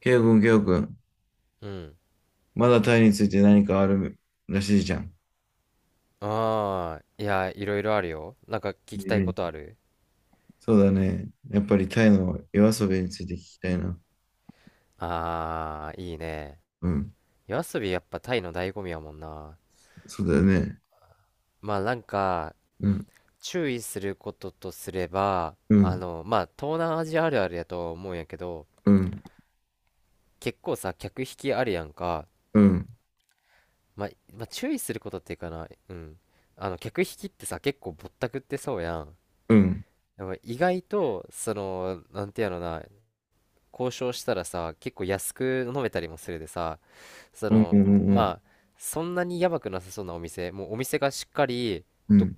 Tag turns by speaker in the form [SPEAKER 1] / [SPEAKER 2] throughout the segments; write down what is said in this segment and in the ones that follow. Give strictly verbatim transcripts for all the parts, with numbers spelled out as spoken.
[SPEAKER 1] ケイオくん、ケイオくん。
[SPEAKER 2] うん。
[SPEAKER 1] まだタイについて何かあるらしいじゃん。
[SPEAKER 2] ああ、いや、いろいろあるよ。なんか聞きた
[SPEAKER 1] う
[SPEAKER 2] いこ
[SPEAKER 1] ん。
[SPEAKER 2] とある？
[SPEAKER 1] そうだね。やっぱりタイの夜遊びについて聞きたいな。
[SPEAKER 2] ああー、いいね。
[SPEAKER 1] うん。
[SPEAKER 2] 夜遊びやっぱタイの醍醐味やもんな。
[SPEAKER 1] そうだよね。
[SPEAKER 2] まあなんか、
[SPEAKER 1] うん。
[SPEAKER 2] 注意することとすれば、
[SPEAKER 1] う
[SPEAKER 2] あ
[SPEAKER 1] ん。
[SPEAKER 2] の、まあ東南アジアあるあるやと思うんやけど、
[SPEAKER 1] うん。
[SPEAKER 2] 結構さ、客引きあるやんか。
[SPEAKER 1] うん。
[SPEAKER 2] まあ、まあ注意することっていうかな、うん。あの、客引きってさ、結構ぼったくってそうやん。
[SPEAKER 1] うん。
[SPEAKER 2] でも意外と、その、なんてやろな、交渉したらさ、結構安く飲めたりもするでさ、そ
[SPEAKER 1] うん。う
[SPEAKER 2] の
[SPEAKER 1] ん。うん。
[SPEAKER 2] まあ、そんなにやばくなさそうなお店、もうお店がしっかり
[SPEAKER 1] う
[SPEAKER 2] ど
[SPEAKER 1] ん。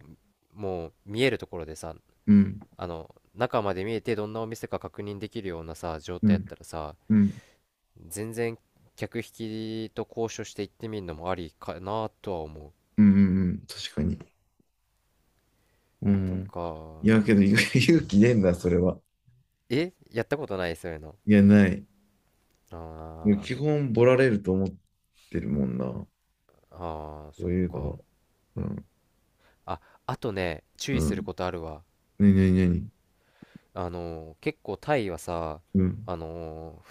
[SPEAKER 2] もう見えるところでさ、
[SPEAKER 1] うん。
[SPEAKER 2] あの中まで見えてどんなお店か確認できるようなさ状
[SPEAKER 1] う
[SPEAKER 2] 態やっ
[SPEAKER 1] ん。
[SPEAKER 2] たらさ、全然、客引きと交渉して行ってみるのもありかなとは思う、
[SPEAKER 1] うん。うん、確かに。う
[SPEAKER 2] と
[SPEAKER 1] ん。
[SPEAKER 2] か。
[SPEAKER 1] いや、けど、ゆ 勇気ねえんだ、それは。
[SPEAKER 2] えやったことない、そういうの？
[SPEAKER 1] いや、ない。
[SPEAKER 2] あ
[SPEAKER 1] 基本、ボラれると思ってるもんな。そ
[SPEAKER 2] ーあー、そ
[SPEAKER 1] う
[SPEAKER 2] っ
[SPEAKER 1] いうの
[SPEAKER 2] か。
[SPEAKER 1] は。うん。
[SPEAKER 2] ああとね、注
[SPEAKER 1] う
[SPEAKER 2] 意する
[SPEAKER 1] ん。
[SPEAKER 2] ことあるわ。
[SPEAKER 1] なになになに。
[SPEAKER 2] あのー結構タイはさ、
[SPEAKER 1] うん。
[SPEAKER 2] あの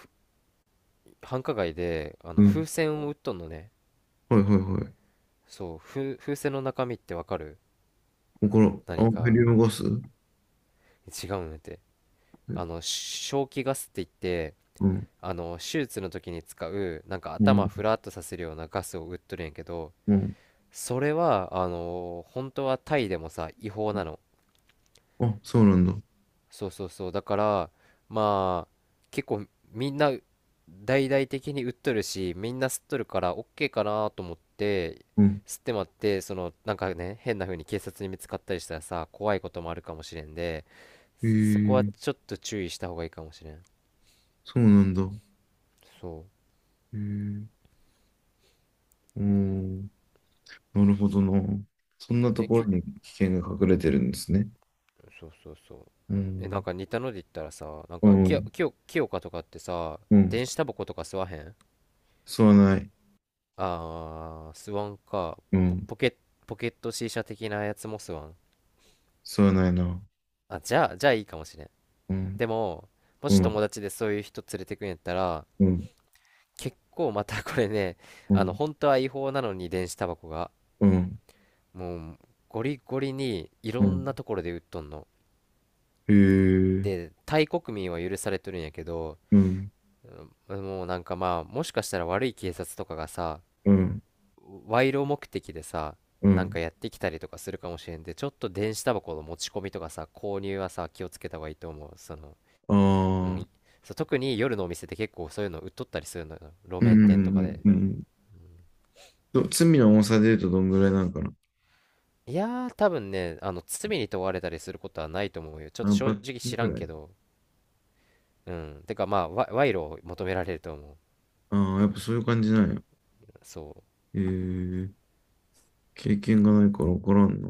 [SPEAKER 2] 繁華街で、あ
[SPEAKER 1] う
[SPEAKER 2] の
[SPEAKER 1] ん。
[SPEAKER 2] 風船を売っとんのね。
[SPEAKER 1] はいはいはい。
[SPEAKER 2] そう、風、風船の中身ってわかる？
[SPEAKER 1] この、あ、
[SPEAKER 2] 何
[SPEAKER 1] ヘリ
[SPEAKER 2] か
[SPEAKER 1] ウムガス。うん、
[SPEAKER 2] 違うんやて。あの正気ガスって言って、あの手術の時に使う、なんか
[SPEAKER 1] う
[SPEAKER 2] 頭
[SPEAKER 1] ん、
[SPEAKER 2] フラッとさせるようなガスを売っとるんやけど、
[SPEAKER 1] うん。
[SPEAKER 2] それは、あの本当はタイでもさ違法なの。
[SPEAKER 1] あ、そうなんだ。
[SPEAKER 2] そうそうそう、だから、まあ結構みんな大々的に売っとるし、みんな吸っとるから OK かなと思って
[SPEAKER 1] うん。
[SPEAKER 2] 吸ってまって、そのなんかね、変な風に警察に見つかったりしたらさ、怖いこともあるかもしれんで、
[SPEAKER 1] へ
[SPEAKER 2] そこは
[SPEAKER 1] え、
[SPEAKER 2] ちょっと注意した方がいいかもしれん。
[SPEAKER 1] そうなんだ。
[SPEAKER 2] そ
[SPEAKER 1] へえ、うん。なるほどな。そんな
[SPEAKER 2] う
[SPEAKER 1] と
[SPEAKER 2] え
[SPEAKER 1] ころ
[SPEAKER 2] き
[SPEAKER 1] に危険が隠れてるんですね。
[SPEAKER 2] そうそうそう。
[SPEAKER 1] う
[SPEAKER 2] えなん
[SPEAKER 1] ん、
[SPEAKER 2] か似たので言ったらさ、なん
[SPEAKER 1] う
[SPEAKER 2] かきよ
[SPEAKER 1] ん、
[SPEAKER 2] きよきよかとかってさ、
[SPEAKER 1] うん。
[SPEAKER 2] 電子タバコとか吸わへん？
[SPEAKER 1] 吸わない。
[SPEAKER 2] あー、スワンか。
[SPEAKER 1] う
[SPEAKER 2] ポ、
[SPEAKER 1] ん、
[SPEAKER 2] ポケ、ポケット C 社的なやつもスワン。
[SPEAKER 1] 吸わないな。
[SPEAKER 2] あ、じゃあ、じゃあいいかもしれん。
[SPEAKER 1] うん、
[SPEAKER 2] でも、も
[SPEAKER 1] う
[SPEAKER 2] し友
[SPEAKER 1] ん、
[SPEAKER 2] 達でそういう人連れてくんやったら、
[SPEAKER 1] うん、
[SPEAKER 2] 結構またこれね、
[SPEAKER 1] う
[SPEAKER 2] あの、
[SPEAKER 1] ん、
[SPEAKER 2] 本当は違法なのに電子タバコが、
[SPEAKER 1] うん、
[SPEAKER 2] もう、ゴリゴリにい
[SPEAKER 1] う
[SPEAKER 2] ろんな
[SPEAKER 1] ん。
[SPEAKER 2] ところで売っとんの。
[SPEAKER 1] へえ、
[SPEAKER 2] で、タイ国民は許されとるんやけど、
[SPEAKER 1] うん、
[SPEAKER 2] うん、もうなんかまあ、もしかしたら悪い警察とかがさ、
[SPEAKER 1] うん、
[SPEAKER 2] 賄賂目的でさ、
[SPEAKER 1] う
[SPEAKER 2] なん
[SPEAKER 1] ん。
[SPEAKER 2] かやってきたりとかするかもしれんで、ちょっと電子タバコの持ち込みとかさ、購入はさ、気をつけた方がいいと思う。その、
[SPEAKER 1] あ
[SPEAKER 2] うん、
[SPEAKER 1] あ、
[SPEAKER 2] いそう、特に夜のお店って結構そういうの売っとったりするのよ、路
[SPEAKER 1] うん、う
[SPEAKER 2] 面店とかで。
[SPEAKER 1] ん、うん。うん。ど罪の重さで言うとどんぐらいなんかな。
[SPEAKER 2] いやー、多分ね、あの罪に問われたりすることはないと思うよ。ちょっと
[SPEAKER 1] あ、
[SPEAKER 2] 正
[SPEAKER 1] 罰
[SPEAKER 2] 直
[SPEAKER 1] 金
[SPEAKER 2] 知
[SPEAKER 1] ぐ
[SPEAKER 2] らん
[SPEAKER 1] ら
[SPEAKER 2] け
[SPEAKER 1] い。
[SPEAKER 2] ど。うん、てかまあ、わ賄賂を求められると思う。
[SPEAKER 1] ああ、やっぱそういう感じなんや。
[SPEAKER 2] そ
[SPEAKER 1] ええ、経験がないから分からんな。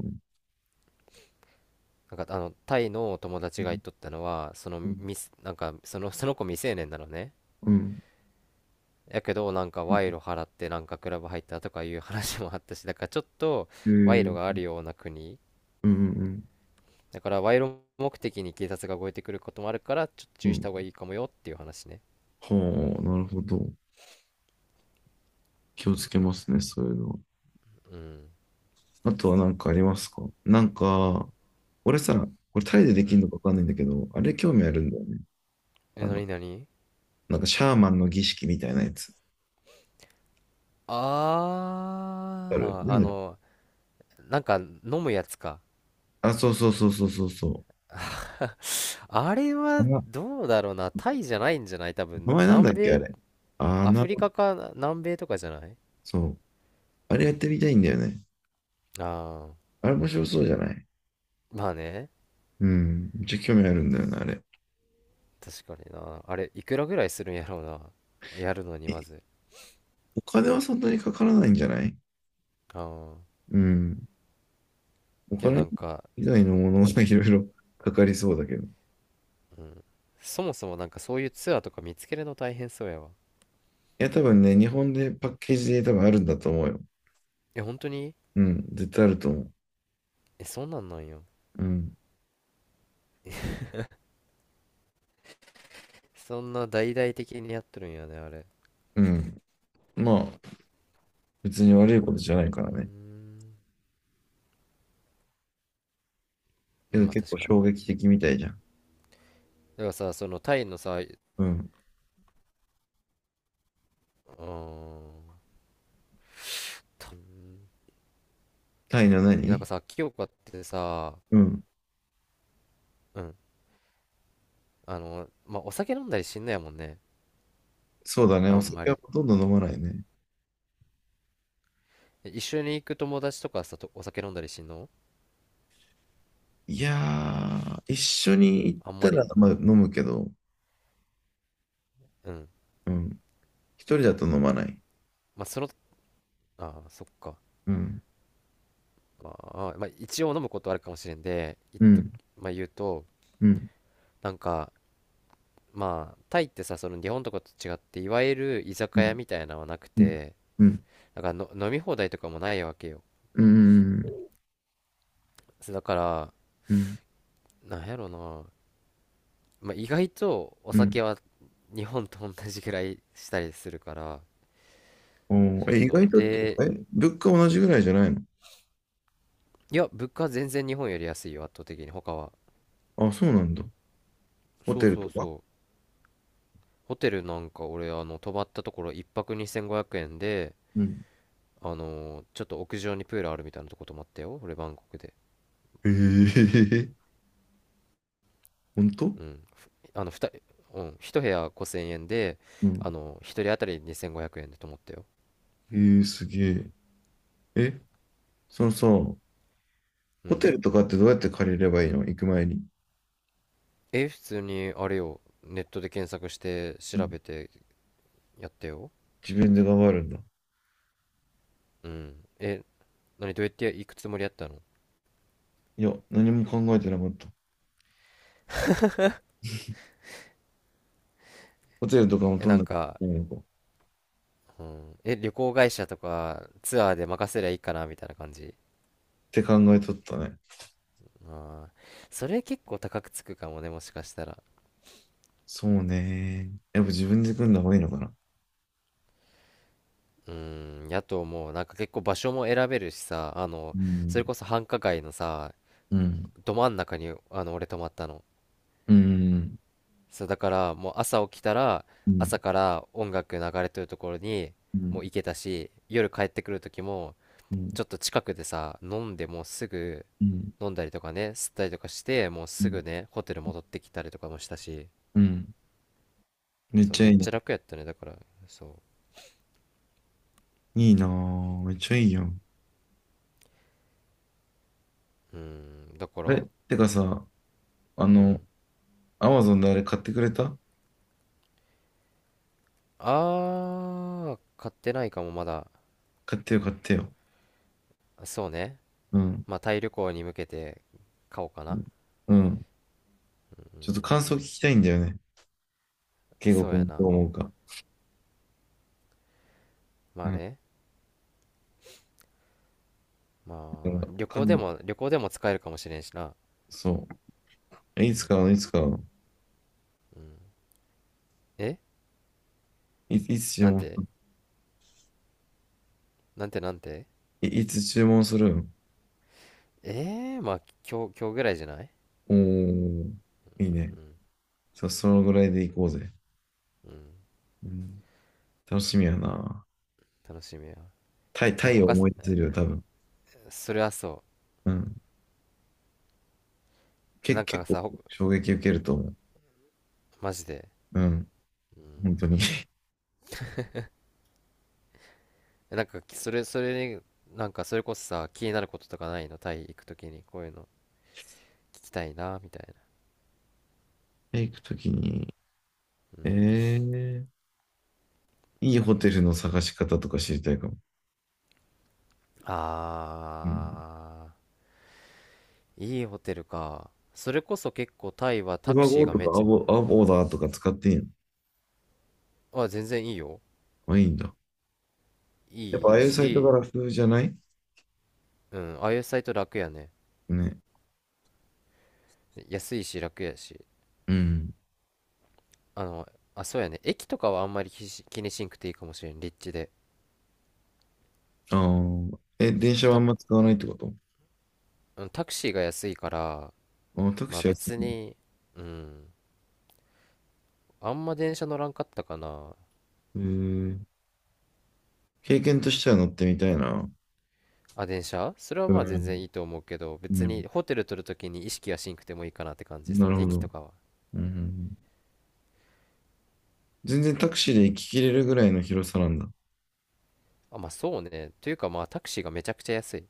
[SPEAKER 2] う、なんか、あのタイの友達が言っとったのは、そ
[SPEAKER 1] う
[SPEAKER 2] の、
[SPEAKER 1] ん。
[SPEAKER 2] ミスなんかその、その子未成年なのね。
[SPEAKER 1] うん。
[SPEAKER 2] やけど、なんか賄賂払って、なんかクラブ入ったとかいう話もあったし、だからちょっと、
[SPEAKER 1] ええ、
[SPEAKER 2] 賄
[SPEAKER 1] う
[SPEAKER 2] 賂があ
[SPEAKER 1] ん、
[SPEAKER 2] るような国
[SPEAKER 1] うん、
[SPEAKER 2] だから、賄賂目的に警察が動いてくることもあるから、ちょっと
[SPEAKER 1] う
[SPEAKER 2] 注
[SPEAKER 1] ん。う
[SPEAKER 2] 意した方が
[SPEAKER 1] ん。
[SPEAKER 2] いいかもよっていう話ね。
[SPEAKER 1] はあ、なるほど。気をつけますね、そういうのは。
[SPEAKER 2] うん、
[SPEAKER 1] あとは何かありますか？なんか、俺さ、これタイでで
[SPEAKER 2] う
[SPEAKER 1] きる
[SPEAKER 2] ん、
[SPEAKER 1] のか分かんないんだけど、あれ興味あ
[SPEAKER 2] う
[SPEAKER 1] るん
[SPEAKER 2] ん。
[SPEAKER 1] だよね。
[SPEAKER 2] え
[SPEAKER 1] あ
[SPEAKER 2] な
[SPEAKER 1] の、
[SPEAKER 2] になに？
[SPEAKER 1] なんかシャーマンの儀式みたいなやつ。ある。
[SPEAKER 2] あ
[SPEAKER 1] な
[SPEAKER 2] ーあ
[SPEAKER 1] んだっけ？
[SPEAKER 2] のなんか飲むやつか？
[SPEAKER 1] あ、そうそうそうそうそうそ
[SPEAKER 2] あれ
[SPEAKER 1] う。あ
[SPEAKER 2] は
[SPEAKER 1] の
[SPEAKER 2] どうだろうな、タイじゃないんじゃない、多
[SPEAKER 1] 名
[SPEAKER 2] 分
[SPEAKER 1] 前なんだ
[SPEAKER 2] 南
[SPEAKER 1] っけ、あ
[SPEAKER 2] 米。
[SPEAKER 1] れ。あ
[SPEAKER 2] ア
[SPEAKER 1] な、
[SPEAKER 2] フリカか南米とかじゃない？
[SPEAKER 1] そう。あれやってみたいんだよね。
[SPEAKER 2] ああ
[SPEAKER 1] あれ面白そうじゃない？
[SPEAKER 2] ー、まあね。
[SPEAKER 1] うん。めっちゃ興味あるんだよな、あれ。
[SPEAKER 2] 確かにな、あれいくらぐらいするんやろうな、やるのに。
[SPEAKER 1] え、
[SPEAKER 2] まず、
[SPEAKER 1] お金はそんなにかからないんじゃない？
[SPEAKER 2] ああ、
[SPEAKER 1] うん。お
[SPEAKER 2] けどな
[SPEAKER 1] 金
[SPEAKER 2] んか、
[SPEAKER 1] 以外のものがいろいろ かかりそうだけど。い
[SPEAKER 2] うん、そもそもなんかそういうツアーとか見つけるの大変そうやわ。
[SPEAKER 1] や、多分ね、日本でパッケージで多分あるんだと思うよ。
[SPEAKER 2] え、本当に？
[SPEAKER 1] うん。絶対あると思う。
[SPEAKER 2] え、そんなんなんよ。
[SPEAKER 1] うん。
[SPEAKER 2] そんな大々的にやってるんやね、あれ。
[SPEAKER 1] うん。まあ、別に
[SPEAKER 2] うー
[SPEAKER 1] 悪いことじゃないからね。
[SPEAKER 2] ん、
[SPEAKER 1] けど
[SPEAKER 2] まあ
[SPEAKER 1] 結
[SPEAKER 2] 確
[SPEAKER 1] 構
[SPEAKER 2] かに。
[SPEAKER 1] 衝
[SPEAKER 2] だ
[SPEAKER 1] 撃的みたいじゃん。
[SPEAKER 2] からさ、そのタイのさ、う
[SPEAKER 1] うん。
[SPEAKER 2] ーん、
[SPEAKER 1] タイの
[SPEAKER 2] えなんか
[SPEAKER 1] 何？
[SPEAKER 2] さ、清香ってさ、
[SPEAKER 1] うん。
[SPEAKER 2] うん、あのまあお酒飲んだりしんのやもんね。
[SPEAKER 1] そうだね。
[SPEAKER 2] あ
[SPEAKER 1] お
[SPEAKER 2] んま
[SPEAKER 1] 酒は
[SPEAKER 2] り。
[SPEAKER 1] ほとんど飲まないね。
[SPEAKER 2] え、一緒に行く友達とかさとお酒飲んだりしんの？
[SPEAKER 1] いやー、一緒に行っ
[SPEAKER 2] あんま
[SPEAKER 1] たら、
[SPEAKER 2] り、
[SPEAKER 1] まあ、飲むけど、
[SPEAKER 2] うん。
[SPEAKER 1] うん。一人だと飲まない。
[SPEAKER 2] まあ、その、ああ、そっか。
[SPEAKER 1] うん、
[SPEAKER 2] まあ、まあ、一応飲むことあるかもしれんで、言っ
[SPEAKER 1] う
[SPEAKER 2] と、
[SPEAKER 1] ん、
[SPEAKER 2] まあ、言うと、
[SPEAKER 1] うん、
[SPEAKER 2] なんか、まあ、タイってさ、その日本とかと違って、いわゆる居
[SPEAKER 1] う
[SPEAKER 2] 酒屋
[SPEAKER 1] ん、
[SPEAKER 2] みたいなのはなく
[SPEAKER 1] うん、
[SPEAKER 2] て、
[SPEAKER 1] うん、
[SPEAKER 2] だからの飲み放題とかもないわけよ。
[SPEAKER 1] うん、うん、
[SPEAKER 2] そうだから、
[SPEAKER 1] うん、
[SPEAKER 2] なんやろな、まあ、意外とお
[SPEAKER 1] う
[SPEAKER 2] 酒
[SPEAKER 1] ん。
[SPEAKER 2] は日本と同じぐらいしたりするから。
[SPEAKER 1] おー
[SPEAKER 2] そう
[SPEAKER 1] え、意
[SPEAKER 2] そ
[SPEAKER 1] 外
[SPEAKER 2] う。
[SPEAKER 1] とって、
[SPEAKER 2] で、
[SPEAKER 1] え、物価同じぐらいじゃないの？
[SPEAKER 2] いや、物価は全然日本より安いよ、圧倒的に、他は。
[SPEAKER 1] あ、そうなんだ。ホ
[SPEAKER 2] そ
[SPEAKER 1] テ
[SPEAKER 2] う
[SPEAKER 1] ル
[SPEAKER 2] そ
[SPEAKER 1] と
[SPEAKER 2] う
[SPEAKER 1] か？
[SPEAKER 2] そう。ホテルなんか俺、あの泊まったところ一泊にせんごひゃくえんで、
[SPEAKER 1] うん。
[SPEAKER 2] あのーちょっと屋上にプールあるみたいなとこ泊まったよ、俺、バンコクで。
[SPEAKER 1] ええ、 本当？
[SPEAKER 2] うんふあの2、うん、ひとへや部屋ごせんえんで、
[SPEAKER 1] う
[SPEAKER 2] あ
[SPEAKER 1] ん。
[SPEAKER 2] の一人当たりにせんごひゃくえんで泊まったよ。
[SPEAKER 1] えー、すげえ。え、そのさ、ホ
[SPEAKER 2] うん
[SPEAKER 1] テルとかってどうやって借りればいいの、行く前に。
[SPEAKER 2] え普通にあれよ、ネットで検索して
[SPEAKER 1] う
[SPEAKER 2] 調
[SPEAKER 1] ん。
[SPEAKER 2] べてやったよ。
[SPEAKER 1] 自分で頑張るんだ。
[SPEAKER 2] うんえ何、どうやって行くつもりやったの？
[SPEAKER 1] いや、何も考えてなかった。ホテルとかも
[SPEAKER 2] え
[SPEAKER 1] 取
[SPEAKER 2] な
[SPEAKER 1] ん
[SPEAKER 2] ん
[SPEAKER 1] なきゃい
[SPEAKER 2] か、
[SPEAKER 1] けないのかっ
[SPEAKER 2] うん、え旅行会社とかツアーで任せりゃいいかなみたいな感じ。
[SPEAKER 1] て考えとったね。
[SPEAKER 2] ああ、それ結構高くつくかもね、もしかしたら。
[SPEAKER 1] そうね。やっぱ自分で組んだ方がいいのかな。
[SPEAKER 2] うーん、やと思う。なんか結構場所も選べるしさ、あの、
[SPEAKER 1] う
[SPEAKER 2] それ
[SPEAKER 1] ん、
[SPEAKER 2] こそ繁華街のさ、
[SPEAKER 1] うん、
[SPEAKER 2] ど真ん中に、あの、俺泊まったの。
[SPEAKER 1] うん、
[SPEAKER 2] そう、だからもう朝起きたら、
[SPEAKER 1] う
[SPEAKER 2] 朝
[SPEAKER 1] ん、
[SPEAKER 2] から音楽流れてるところに
[SPEAKER 1] う
[SPEAKER 2] も
[SPEAKER 1] ん、
[SPEAKER 2] う行けたし、夜帰ってくる時も、
[SPEAKER 1] うん、
[SPEAKER 2] ちょっと近くでさ、飲んでもうすぐ
[SPEAKER 1] うん、
[SPEAKER 2] 飲んだりとかね、吸ったりとかして、もう
[SPEAKER 1] う
[SPEAKER 2] すぐ
[SPEAKER 1] ん、
[SPEAKER 2] ね、ホテル戻ってきたりとかもしたし、
[SPEAKER 1] うん。めっ
[SPEAKER 2] そう、
[SPEAKER 1] ちゃ
[SPEAKER 2] め
[SPEAKER 1] い
[SPEAKER 2] っ
[SPEAKER 1] いね。
[SPEAKER 2] ちゃ楽やったね、だから、そ
[SPEAKER 1] いいなぁ。めっちゃいいやん。
[SPEAKER 2] う。うん、だか
[SPEAKER 1] あ
[SPEAKER 2] ら、
[SPEAKER 1] れ、てかさ、あ
[SPEAKER 2] う
[SPEAKER 1] の、
[SPEAKER 2] ん。
[SPEAKER 1] アマゾンであれ買ってくれた？
[SPEAKER 2] あー、買ってないかも、まだ。
[SPEAKER 1] 買ってよ、買ってよ。
[SPEAKER 2] そうね。
[SPEAKER 1] うん。
[SPEAKER 2] まあ、タイ旅行に向けて買おうか
[SPEAKER 1] う
[SPEAKER 2] な。
[SPEAKER 1] ん。うん。
[SPEAKER 2] う
[SPEAKER 1] ち
[SPEAKER 2] ん。
[SPEAKER 1] ょっと感想聞きたいんだよね。圭吾
[SPEAKER 2] そうや
[SPEAKER 1] 君どう
[SPEAKER 2] な。
[SPEAKER 1] 思うか。
[SPEAKER 2] ま
[SPEAKER 1] う
[SPEAKER 2] あ
[SPEAKER 1] ん。
[SPEAKER 2] ね。
[SPEAKER 1] だ
[SPEAKER 2] まあ、
[SPEAKER 1] から、
[SPEAKER 2] 旅行
[SPEAKER 1] 感
[SPEAKER 2] で
[SPEAKER 1] 動。
[SPEAKER 2] も、旅行でも使えるかもしれんしな。
[SPEAKER 1] そう。
[SPEAKER 2] う
[SPEAKER 1] いつ
[SPEAKER 2] ん。
[SPEAKER 1] 買うの？いつ買うの？
[SPEAKER 2] え
[SPEAKER 1] い、いつ注
[SPEAKER 2] なん
[SPEAKER 1] 文す
[SPEAKER 2] て
[SPEAKER 1] る？
[SPEAKER 2] なんてなんて？
[SPEAKER 1] い、いつ注文するの？
[SPEAKER 2] えー、まあ、今日、今日ぐらいじゃない？
[SPEAKER 1] おー、いいね。
[SPEAKER 2] うん。
[SPEAKER 1] さ、そのぐらいで行こうぜ。
[SPEAKER 2] うん。
[SPEAKER 1] うん。楽しみやなぁ。
[SPEAKER 2] 楽しみや。
[SPEAKER 1] タイ、
[SPEAKER 2] え、
[SPEAKER 1] タイを
[SPEAKER 2] 他、
[SPEAKER 1] 思い出せるよ、多分。
[SPEAKER 2] それはそ
[SPEAKER 1] うん。
[SPEAKER 2] う。
[SPEAKER 1] け、
[SPEAKER 2] なん
[SPEAKER 1] 結
[SPEAKER 2] か
[SPEAKER 1] 構
[SPEAKER 2] さ、ほ
[SPEAKER 1] 衝撃受けると思う。
[SPEAKER 2] マジで。
[SPEAKER 1] うん。
[SPEAKER 2] う
[SPEAKER 1] 本当に。
[SPEAKER 2] ん。えなんか、それ、それに、なんか、それこそさ、気になることとかないの、タイ行くときに、こういうの聞きたいな、みたいな。
[SPEAKER 1] タイ行くときに、
[SPEAKER 2] うん。
[SPEAKER 1] えー、いいホテルの探し方とか知りたいかも。
[SPEAKER 2] あ
[SPEAKER 1] うん。
[SPEAKER 2] ー、いいホテルか。それこそ結構タイは
[SPEAKER 1] シ
[SPEAKER 2] タク
[SPEAKER 1] バ
[SPEAKER 2] シー
[SPEAKER 1] ゴ
[SPEAKER 2] が
[SPEAKER 1] と
[SPEAKER 2] め
[SPEAKER 1] か
[SPEAKER 2] っ
[SPEAKER 1] ア
[SPEAKER 2] ち
[SPEAKER 1] ボ、アボーダーとか使っていいの？
[SPEAKER 2] ゃ、あ、全然いいよ。
[SPEAKER 1] あ、いいんだ。やっぱあ
[SPEAKER 2] い
[SPEAKER 1] あ
[SPEAKER 2] い
[SPEAKER 1] いうサイトが
[SPEAKER 2] し、
[SPEAKER 1] 楽じゃない？
[SPEAKER 2] うん、ああいうサイト楽やね。
[SPEAKER 1] ね。
[SPEAKER 2] 安いし楽やし。
[SPEAKER 1] うん。
[SPEAKER 2] あの、あ、そうやね。駅とかはあんまり気し気にしんくていいかもしれん、立地で。
[SPEAKER 1] ああ。え、
[SPEAKER 2] そ
[SPEAKER 1] 電
[SPEAKER 2] う、
[SPEAKER 1] 車はあ
[SPEAKER 2] タ、
[SPEAKER 1] んま使わないってこと？
[SPEAKER 2] うん、タクシーが安いから、
[SPEAKER 1] あ、タク
[SPEAKER 2] まあ
[SPEAKER 1] シー安い
[SPEAKER 2] 別
[SPEAKER 1] な。
[SPEAKER 2] に、うん、あんま電車乗らんかったかな。
[SPEAKER 1] えー、経験としては乗ってみたいな。
[SPEAKER 2] あ、電車、それは
[SPEAKER 1] う
[SPEAKER 2] まあ全
[SPEAKER 1] ん。
[SPEAKER 2] 然いいと思うけど、
[SPEAKER 1] う
[SPEAKER 2] 別
[SPEAKER 1] ん。
[SPEAKER 2] にホテル取るときに意識はしんくてもいいかなって感じ、そ
[SPEAKER 1] な
[SPEAKER 2] の
[SPEAKER 1] るほ
[SPEAKER 2] 駅と
[SPEAKER 1] ど。
[SPEAKER 2] かは。
[SPEAKER 1] うん。全然タクシーで行ききれるぐらいの広さなんだ。
[SPEAKER 2] あ、まあそうね。というか、まあタクシーがめちゃくちゃ安い。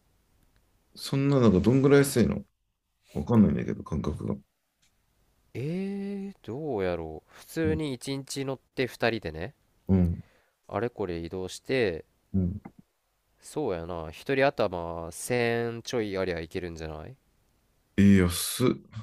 [SPEAKER 1] そんなのがどんぐらい安いの？わかんないんだけど、感覚が。
[SPEAKER 2] えー、どうやろう。普
[SPEAKER 1] う
[SPEAKER 2] 通
[SPEAKER 1] ん。
[SPEAKER 2] にいちにち乗ってふたりでね、
[SPEAKER 1] うん。
[SPEAKER 2] あれこれ移動して、
[SPEAKER 1] うん。
[SPEAKER 2] そうやな、ひとり頭せんちょいありゃいけるんじゃない？
[SPEAKER 1] えー、安っ。